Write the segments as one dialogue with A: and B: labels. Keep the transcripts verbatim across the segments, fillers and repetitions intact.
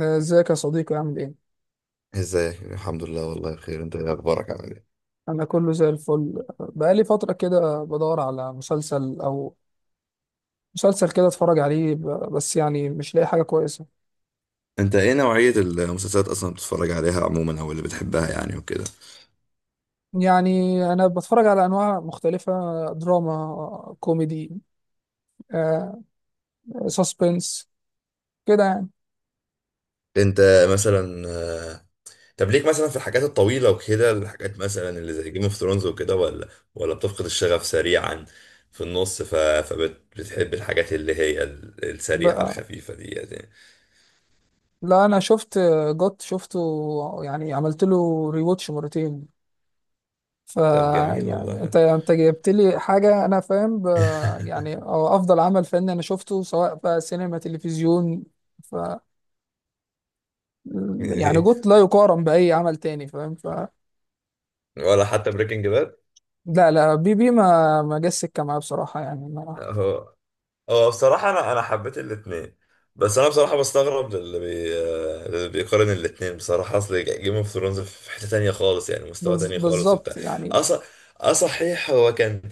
A: آه، ازيك يا صديقي عامل ايه؟
B: ازيك، الحمد لله والله بخير. انت ايه اخبارك عامل ايه؟
A: انا كله زي الفل بقالي فترة كده بدور على مسلسل او مسلسل كده اتفرج عليه ب- بس يعني مش لاقي حاجة كويسة.
B: انت ايه نوعية المسلسلات اصلا بتتفرج عليها عموما او اللي بتحبها يعني وكده؟
A: يعني انا بتفرج على انواع مختلفة، دراما، كوميدي، آه، سسبنس، كده يعني.
B: انت مثلا آه، طب ليك مثلا في الحاجات الطويلة وكده، الحاجات مثلا اللي زي جيم اوف ثرونز وكده، ولا ولا بتفقد الشغف سريعا في النص ف... فبتحب الحاجات اللي هي ال- السريعة
A: لا.
B: الخفيفة دي يعني؟
A: لا، انا شفت جوت، شفته يعني، عملت له ريواتش مرتين. ف
B: طب جميل
A: يعني انت
B: والله.
A: انت جبت لي حاجه انا فاهم ب... يعني أو افضل عمل فني انا شفته، سواء بقى سينما تلفزيون. ف يعني
B: إيه؟
A: جوت لا يقارن باي عمل تاني، فاهم؟ ف
B: ولا حتى بريكنج
A: لا لا، بي بي ما ما جاش سكه معايا بصراحه يعني ما...
B: باد؟ هو بصراحة أنا أنا حبيت الاتنين، بس أنا بصراحة بستغرب للي بي... للي بيقارن الاتنين. بصراحة أصل جيم اوف ثرونز في حتة تانية خالص، يعني مستوى
A: بز...
B: تاني خالص
A: بالظبط
B: وبتاع.
A: يعني.
B: أص... أه صحيح، هو كان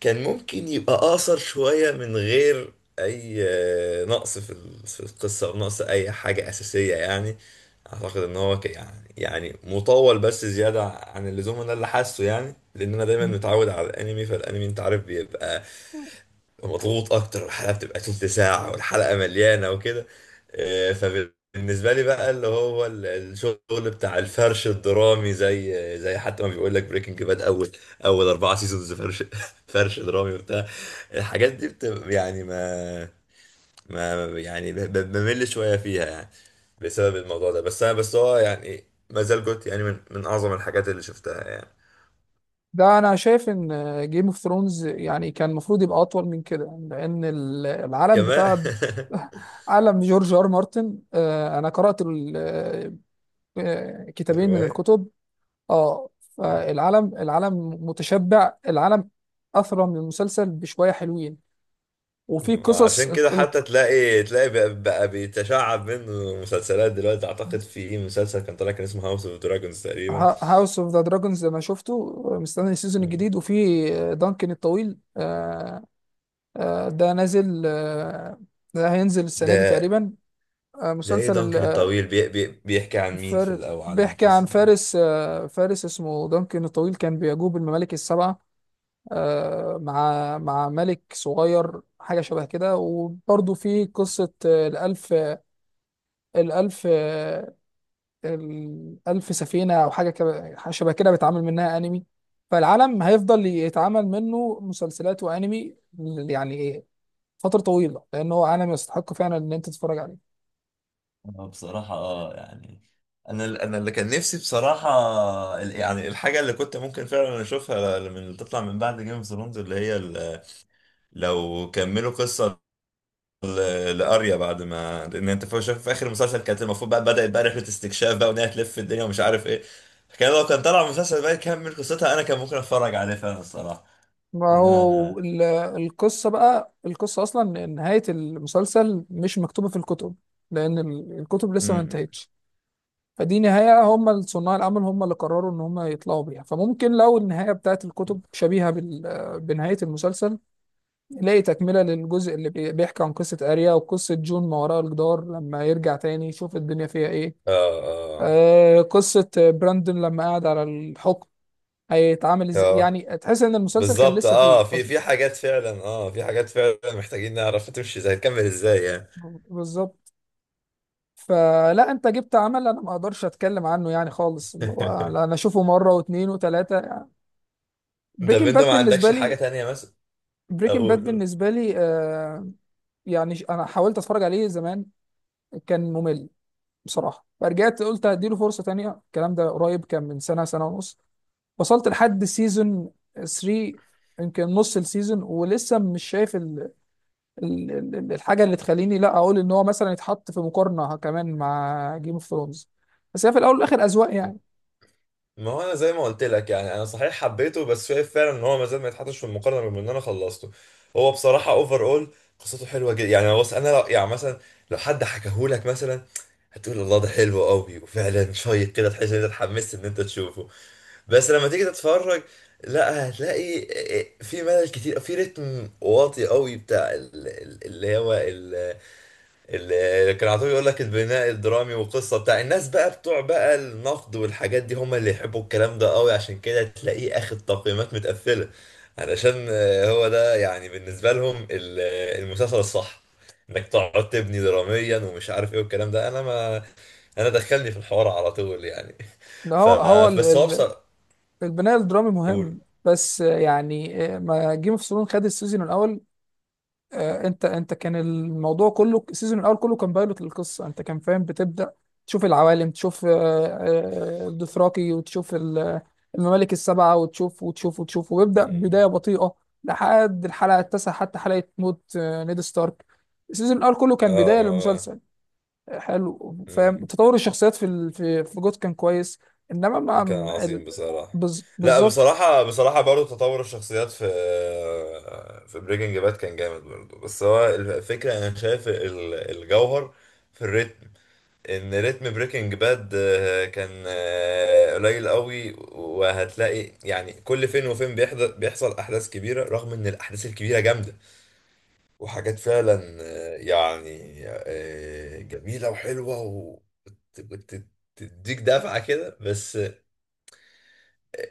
B: كان ممكن يبقى أقصر شوية من غير أي آه، نقص في ال- في القصة، أو نقص أي حاجة أساسية يعني. أعتقد إن هو ك... يعني يعني مطول بس زيادة عن اللزوم، أنا اللي حاسه يعني، لأن أنا دايما متعود على الأنمي، فالأنمي أنت عارف بيبقى مضغوط اكتر، الحلقه بتبقى تلت ساعه والحلقه مليانه وكده. آه، فبالنسبه لي بقى اللي هو ال- الشغل بتاع الفرش الدرامي، زي زي حتى ما بيقول لك بريكنج باد، اول اول اربعه سيزونز فرش فرش درامي وبتاع. الحاجات دي بتبقى يعني ما ما يعني ب- ب- بمل شويه فيها يعني بسبب الموضوع ده. بس انا بس هو يعني ما زال جوت يعني من من اعظم الحاجات اللي شفتها يعني.
A: ده انا شايف ان جيم اوف ثرونز يعني كان المفروض يبقى اطول من كده، لان ال- العالم
B: كمان.
A: بتاع عالم جورج ار مارتن، آه، انا قرات ال- آه، كتابين من
B: الروايه.
A: الكتب. اه، فالعالم، العالم متشبع، العالم اثرى من المسلسل بشويه حلوين، وفي قصص.
B: عشان كده حتى تلاقي تلاقي بقى, بقى بيتشعب منه مسلسلات دلوقتي. اعتقد في ايه مسلسل كان طالع كان اسمه هاوس اوف دراجونز تقريبا.
A: هاوس اوف ذا دراجونز لما شفته، مستني السيزون الجديد، وفي دانكن الطويل. آه، آه، ده نازل، آه، ده هينزل السنه دي
B: ده
A: تقريبا. آه،
B: ده ايه
A: مسلسل
B: دانكن الطويل؟ بي بي بيحكي عن مين في
A: الفار،
B: الاول، عن
A: بيحكي عن
B: القصة ده؟
A: فارس، آه، فارس اسمه دانكن الطويل كان بيجوب الممالك السبعه، آه، مع مع ملك صغير حاجه شبه كده. وبرضه في قصه آه، الألف، الألف آه، الألف سفينة أو حاجة كده، حاجة شبه كده، بيتعمل منها أنمي. فالعالم هيفضل يتعمل منه مسلسلات وأنمي ل- يعني إيه، فترة طويلة، لأن هو عالم يستحق فعلا إن أنت تتفرج عليه.
B: أنا بصراحة آه يعني، أنا أنا اللي كان نفسي بصراحة ال- يعني الحاجة اللي كنت ممكن فعلا أشوفها من اللي تطلع من بعد جيم اوف ثرونز، اللي هي ال- لو كملوا قصة ل- لاريا، بعد ما لان انت في شايف في اخر المسلسل كانت المفروض بقى بدات بقى رحله استكشاف بقى، وان هي تلف في الدنيا ومش عارف ايه. كان لو كان طلع المسلسل بقى يكمل قصتها، انا كان ممكن اتفرج عليه فعلا الصراحه،
A: ما
B: لان انا
A: هو
B: انا
A: ال- القصة، بقى القصة أصلا إن نهاية المسلسل مش مكتوبة في الكتب، لأن ال- الكتب لسه ما
B: مم.
A: انتهتش. فدي نهاية هم صناع العمل هم اللي قرروا إن هم يطلعوا بيها. فممكن لو النهاية بتاعت الكتب شبيهة بال- بنهاية المسلسل، لاقي تكملة للجزء اللي بي- بيحكي عن قصة أريا، وقصة جون ما وراء الجدار لما يرجع تاني يشوف الدنيا فيها إيه،
B: اه. اه.
A: آه قصة براندون لما قعد على الحكم هيتعامل إزاي.
B: اه
A: يعني تحس إن المسلسل كان
B: بالظبط،
A: لسه
B: اه
A: فيه
B: في
A: أصلا.
B: في حاجات فعلا، اه في حاجات فعلا محتاجين نعرف تمشي ازاي، تكمل ازاي يعني.
A: بالظبط. فلا أنت جبت عمل أنا ما أقدرش أتكلم عنه يعني خالص، اللي هو لا، أنا أشوفه مرة واتنين وتلاتة يعني.
B: طب
A: بريكنج
B: انت
A: باد
B: ما
A: بالنسبة
B: عندكش حاجه
A: لي،
B: تانية مثلا
A: بريكنج باد
B: اقول؟
A: بالنسبة لي آه، يعني ش- أنا حاولت أتفرج عليه زمان، كان ممل بصراحه. فرجعت قلت هديله فرصه تانية، الكلام ده قريب كان من سنه، سنه ونص. وصلت لحد سيزون تلاتة، يمكن نص السيزون، ولسه مش شايف ال... ال... ال- الحاجه اللي تخليني لا اقول ان هو مثلا يتحط في مقارنه كمان مع جيم اوف ثرونز. بس هي في الاول والاخر اذواق يعني.
B: ما هو انا زي ما قلت لك يعني، انا صحيح حبيته بس شايف فعلا ان هو ما زال ما يتحطش في المقارنه، بما ان انا خلصته. هو بصراحه اوفر اول قصته حلوه جدا يعني. بص انا لو يعني مثلا لو حد حكاهولك مثلا هتقول الله ده حلو قوي وفعلا شيق كده، تحس ان انت اتحمست ان انت تشوفه، بس لما تيجي تتفرج، لا هتلاقي إيه، إيه، في ملل كتير، في رتم واطي قوي بتاع ال- ال- اللي هو اللي كان على طول يقول لك البناء الدرامي والقصه، بتاع الناس بقى بتوع بقى النقد والحاجات دي، هم اللي يحبوا الكلام ده قوي، عشان كده تلاقيه اخد تقييمات متقفله، علشان آه، هو ده يعني بالنسبه لهم ال- آه، المسلسل الصح، انك تقعد تبني دراميا ومش عارف ايه والكلام ده. انا ما انا دخلني في الحوار على طول يعني.
A: ده
B: ف
A: هو هو ال...
B: بس هو
A: ال...
B: بصراحه...
A: البناء الدرامي
B: قول.
A: مهم، بس يعني آه، ما جيم اوف ثرونز خد السيزون الاول، آه، انت انت كان الموضوع كله، السيزون الاول كله كان بايلوت للقصه، انت كان فاهم بتبدا تشوف العوالم، تشوف آه، آه، الدوثراكي، وتشوف ال- الممالك السبعه، وتشوف وتشوف وتشوف، ويبدا
B: مم.
A: بدايه بطيئه لحد الحلقه التاسعه، حتى حلقه موت آه، نيد ستارك. السيزون الاول كله
B: اه.
A: كان بدايه
B: ما هو...
A: للمسلسل. آه، حلو، فاهم؟
B: مم.
A: تطور الشخصيات في ال- في في جوت كان كويس، انما ما
B: كان
A: ال-
B: عظيم بصراحة.
A: بز-
B: لا
A: بالظبط.
B: بصراحة، بصراحة برضو تطور الشخصيات في في بريكنج باد كان جامد برضو، بس هو الفكرة أنا شايف ال- الجوهر في الريتم، إن ريتم بريكنج باد كان آه، قليل قوي، وهتلاقي يعني كل فين وفين بيحضر بيحصل أحداث كبيرة، رغم إن الأحداث الكبيرة جامدة وحاجات فعلا آه، يعني آه، جميلة وحلوة و- وت- وت- تديك دفعة كده، بس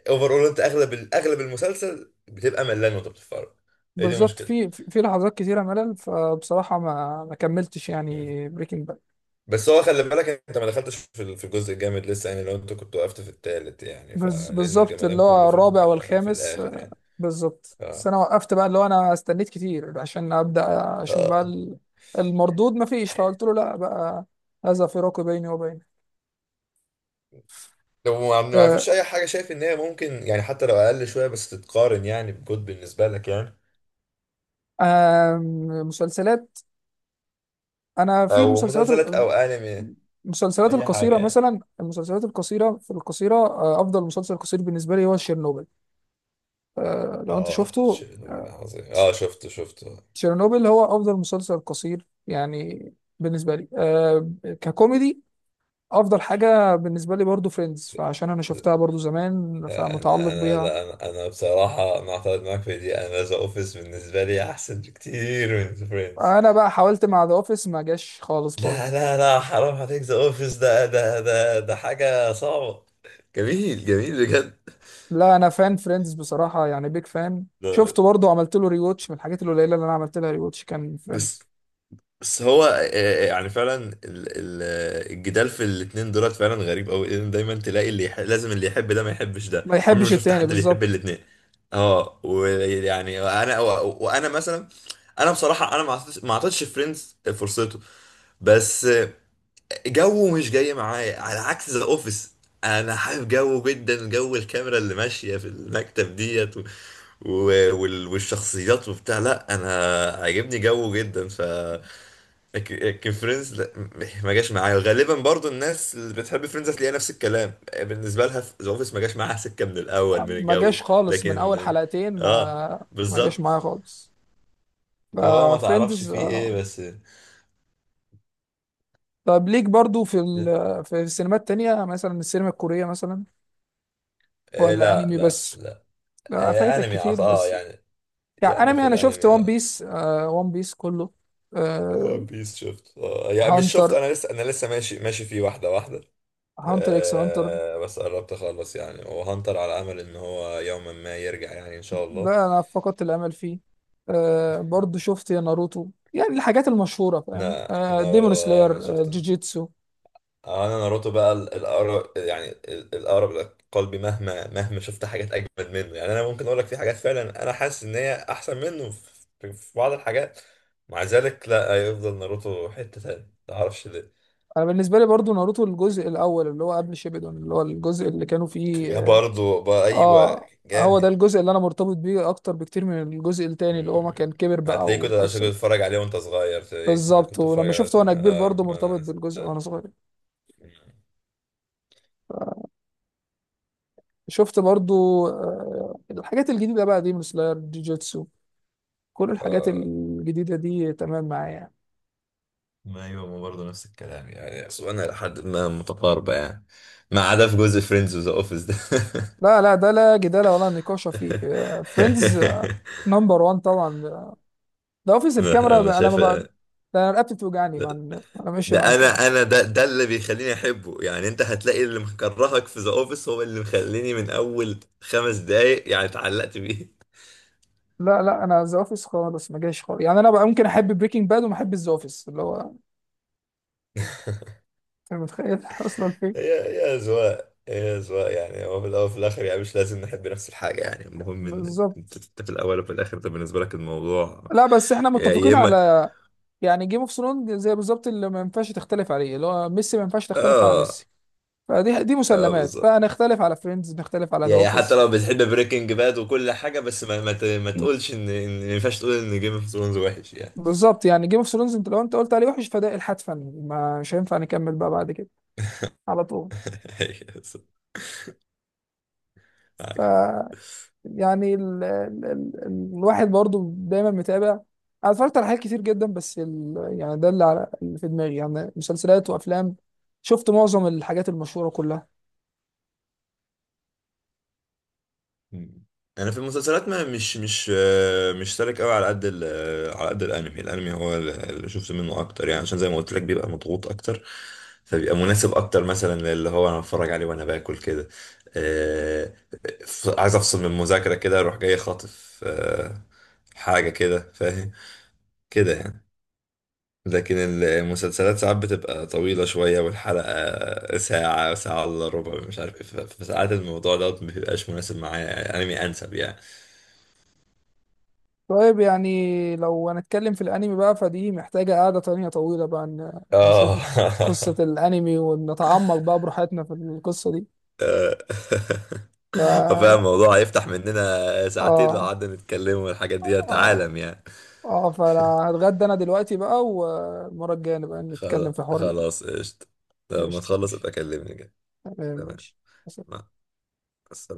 B: اوفر اول انت اغلب ال- اغلب المسلسل بتبقى ملان وانت بتتفرج. هي دي
A: بالظبط،
B: مشكلة.
A: في في في لحظات كتيرة ملل، فبصراحة ما ما كملتش
B: مم.
A: يعني بريكنج باد.
B: بس هو خلي بالك انت ما دخلتش في ال- في الجزء الجامد لسه يعني، لو انت كنت وقفت في التالت يعني، فلان
A: بالظبط، اللي
B: الجمدان كله
A: هو
B: في
A: الرابع
B: ال- في
A: والخامس،
B: الاخر
A: آه،
B: يعني.
A: بالظبط. بس أنا وقفت بقى، اللي هو أنا استنيت كتير عشان أبدأ أشوف بقى
B: اه.
A: ال- المردود، ما فيش، فقلت له لا بقى، هذا فراق بيني وبينك.
B: لو ما ما
A: آه،
B: فيش اي حاجة شايف ان هي ممكن يعني حتى لو اقل شوية بس تتقارن يعني بجود بالنسبة لك يعني؟
A: آم، مسلسلات. أنا في
B: او
A: المسلسلات
B: مسلسلات
A: ال-
B: او انمي،
A: المسلسلات
B: اي حاجة
A: القصيرة
B: يعني.
A: مثلا، المسلسلات القصيرة في القصيرة آه، أفضل مسلسل قصير بالنسبة لي هو شيرنوبل. آه، لو أنت
B: اه
A: شفته،
B: شيء عظيم، اه شفته شفته.
A: تشيرنوبل هو افضل مسلسل قصير يعني بالنسبه لي آه. ككوميدي، افضل حاجه بالنسبه لي برضو فريندز، فعشان انا شفتها برضو زمان
B: انا
A: فمتعلق
B: انا
A: بيها.
B: لا انا أنا بصراحه انا اعترض معاك في دي، انا ذا اوفيس بالنسبه لي احسن بكتير من ذا فريندز.
A: انا بقى حاولت مع ذا اوفيس، ما جاش خالص برضو.
B: لا لا لا حرام عليك، ذا اوفيس ده ده ده ده حاجه صعبه، جميل جميل بجد.
A: لا انا فان فريندز بصراحه، يعني بيج فان،
B: ده
A: شفته برضو، عملت له ريواتش. من الحاجات القليله اللي انا عملت لها ريواتش كان
B: بس
A: فريندز.
B: بس هو آه، آه، يعني فعلا ال- ال- الجدال في الاتنين دولت فعلا غريب قوي، لان دايما تلاقي اللي يح... لازم اللي يحب ده ما يحبش ده،
A: ما
B: عمري ما
A: يحبش
B: شفت
A: التاني
B: حد بيحب
A: بالظبط.
B: الاتنين. اه، ويعني انا و- وانا مثلا انا بصراحه انا ما اعطيتش ما اعطيتش فريندز فرصته، بس آه، جو مش جاي معايا على عكس ذا اوفيس، انا حابب جو جدا، جو الكاميرا اللي ماشيه في المكتب ديت و... و... وال- والشخصيات وبتاع، لا انا عاجبني جو جدا. ف لكن لكن فريندز لا م- ما جاش معايا، غالبا برضو الناس اللي بتحب فريندز هتلاقيها نفس الكلام بالنسبه لها في ذا اوفيس، ما جاش معاها سكه من الاول من
A: ما
B: الجو.
A: جاش خالص، من اول
B: لكن
A: حلقتين
B: اه
A: ما ما جاش
B: بالظبط.
A: معايا خالص.
B: فهو ما تعرفش
A: فريندز.
B: فيه ايه بس.
A: طب ليك برضو في ال... في السينمات التانية، مثلا السينما الكورية مثلا،
B: آه
A: ولا
B: لا
A: أنمي
B: لا
A: بس؟
B: لا.
A: لا،
B: آه
A: فايتك
B: انمي عط-
A: كتير،
B: اه
A: بس
B: يعني،
A: يعني
B: يعني في
A: أنمي، أنا شفت
B: الانمي
A: ون
B: اه
A: بيس، آه ون بيس كله، آه
B: ون بيس، شفت اه يعني مش
A: هانتر،
B: شفت، انا لسه انا لسه ماشي ماشي فيه واحده واحده.
A: هانتر إكس هانتر،
B: آه بس قربت اخلص يعني، وهنطر على امل ان هو يوما ما يرجع يعني ان شاء الله.
A: ده أنا فقدت الأمل فيه. آه برضو شفت ناروتو، يعني الحاجات المشهورة، فاهم؟
B: لا
A: آه
B: ناروتو
A: ديمون
B: اه انا
A: سلاير، آه
B: شفت،
A: جوجيتسو.
B: اه انا ناروتو بقى ال- الاقرب يعني ال- الاقرب لقلبي، مهما مهما شفت حاجات اجمد منه يعني. انا ممكن اقول لك في حاجات فعلا انا حاسس ان هي احسن منه في في بعض الحاجات، مع ذلك لا هيفضل ناروتو حتة تانية، ما اعرفش ليه.
A: أنا بالنسبة لي برضو ناروتو الجزء الأول اللي هو قبل شيبيدون، اللي هو الجزء اللي كانوا فيه.
B: يا برضه بقى، ايوه.
A: اه، هو ده
B: جامد.
A: الجزء اللي انا مرتبط بيه اكتر بكتير من الجزء التاني اللي هو ما
B: مم.
A: كان كبر بقى
B: هتلاقيه كنت عشان
A: والقصه
B: كنت
A: دي.
B: بتتفرج عليه وانت صغير، تلاقيه انا
A: بالظبط،
B: كنت بتفرج
A: ولما
B: على
A: شفته
B: ناس
A: وانا كبير
B: اه،
A: برضه
B: ما انا
A: مرتبط
B: ناس.
A: بالجزء وانا صغير. شفت برضه آه الحاجات الجديده بقى دي، مثل جوجيتسو، كل الحاجات
B: آه.
A: الجديده دي تمام معايا يعني.
B: ما ايوه ما برضه نفس الكلام، يعني اصلا الى حد ما متقاربه يعني، ما عدا في جزء فريندز وذا اوفيس ده.
A: لا لا، ده لا جدال ولا نقاش فيه. فريندز نمبر واحد طبعا. ده اوفيس
B: انا
A: الكاميرا ب-
B: أنا
A: انا ما
B: شايف،
A: بقى، ده انا رقبتي بتوجعني مع إن- انا ماشي
B: ده
A: مع الكاميرا.
B: انا انا ده ده اللي بيخليني احبه يعني، انت هتلاقي اللي مكرهك في ذا اوفيس هو اللي مخليني من اول خمس دقايق يعني اتعلقت بيه.
A: لا لا، انا ذا اوفيس خالص ما جايش خالص، يعني انا بقى ممكن احب بريكنج باد وما احب ذا اوفيس، اللي هو انت متخيل اصلا فين.
B: هي هي اذواق هي اذواق يعني، هو في الاول وفي الاخر يعني مش لازم نحب نفس الحاجه يعني، المهم ان
A: بالظبط.
B: انت أنت في الاول وفي الاخر، ده بالنسبه لك الموضوع.
A: لا بس احنا
B: يا يا
A: متفقين
B: اما
A: على يعني جيم اوف ثرونز، زي بالظبط اللي ما ينفعش تختلف عليه، اللي هو ميسي، ما ينفعش تختلف على
B: اه
A: ميسي. فدي دي
B: اه
A: مسلمات
B: بالظبط،
A: بقى، نختلف على فريندز، نختلف على ذا
B: يعني حتى
A: اوفيس.
B: لو بتحب بريكنج باد وكل حاجة، بس ما ما, ت... ما
A: مم.
B: تقولش ان ان ما ينفعش تقول ان جيم اوف ثرونز وحش يعني.
A: بالظبط، يعني جيم اوف ثرونز، انت لو انت قلت عليه وحش فده الحتفا، ما مش هينفع نكمل بقى بعد كده على طول.
B: أيوة بالظبط. معاك حق.
A: يعني ال... ال... ال... الواحد برضو دايما متابع، انا اتفرجت على حاجات كتير جدا، بس ال... يعني ده اللي، على... اللي في دماغي يعني، مسلسلات وافلام. شفت معظم الحاجات المشهورة كلها.
B: مم. انا في المسلسلات ما مش مش آه، مش سالك قوي على قد ال- آه، على قد الانمي، الانمي هو اللي شفت منه اكتر يعني، عشان زي ما قلت لك بيبقى مضغوط اكتر، فبيبقى مناسب اكتر مثلا للي هو انا بتفرج عليه وانا باكل كده. آه، ف- عايز افصل من المذاكره كده، اروح جاي خاطف آه، حاجه كده فاهم كده يعني. لكن المسلسلات ساعات بتبقى طويلة شوية، والحلقة ساعة ساعة إلا ربع مش عارف إيه، ف- فساعات الموضوع ده مبيبقاش مناسب معايا يعني، أنمي أنسب يعني.
A: طيب يعني لو هنتكلم في الانمي بقى، فدي محتاجة قعدة تانية طويلة بقى، ن...
B: آه.
A: نشوف قصة الانمي ونتعمق بقى براحتنا في القصة دي.
B: آه. فاهم
A: ف
B: الموضوع هيفتح مننا ساعتين لو
A: اه،
B: قعدنا نتكلم، والحاجات دي
A: اه،
B: عالم يعني.
A: اه، فانا هتغدى انا دلوقتي بقى، والمرة الجاية نبقى
B: خلاص
A: نتكلم في حوار الانمي.
B: خلاص قشطة، لما
A: قشطة،
B: تخلص
A: ماشي.
B: ابقى كلمني كده.
A: تمام،
B: تمام،
A: ماشي.
B: مع السلامة.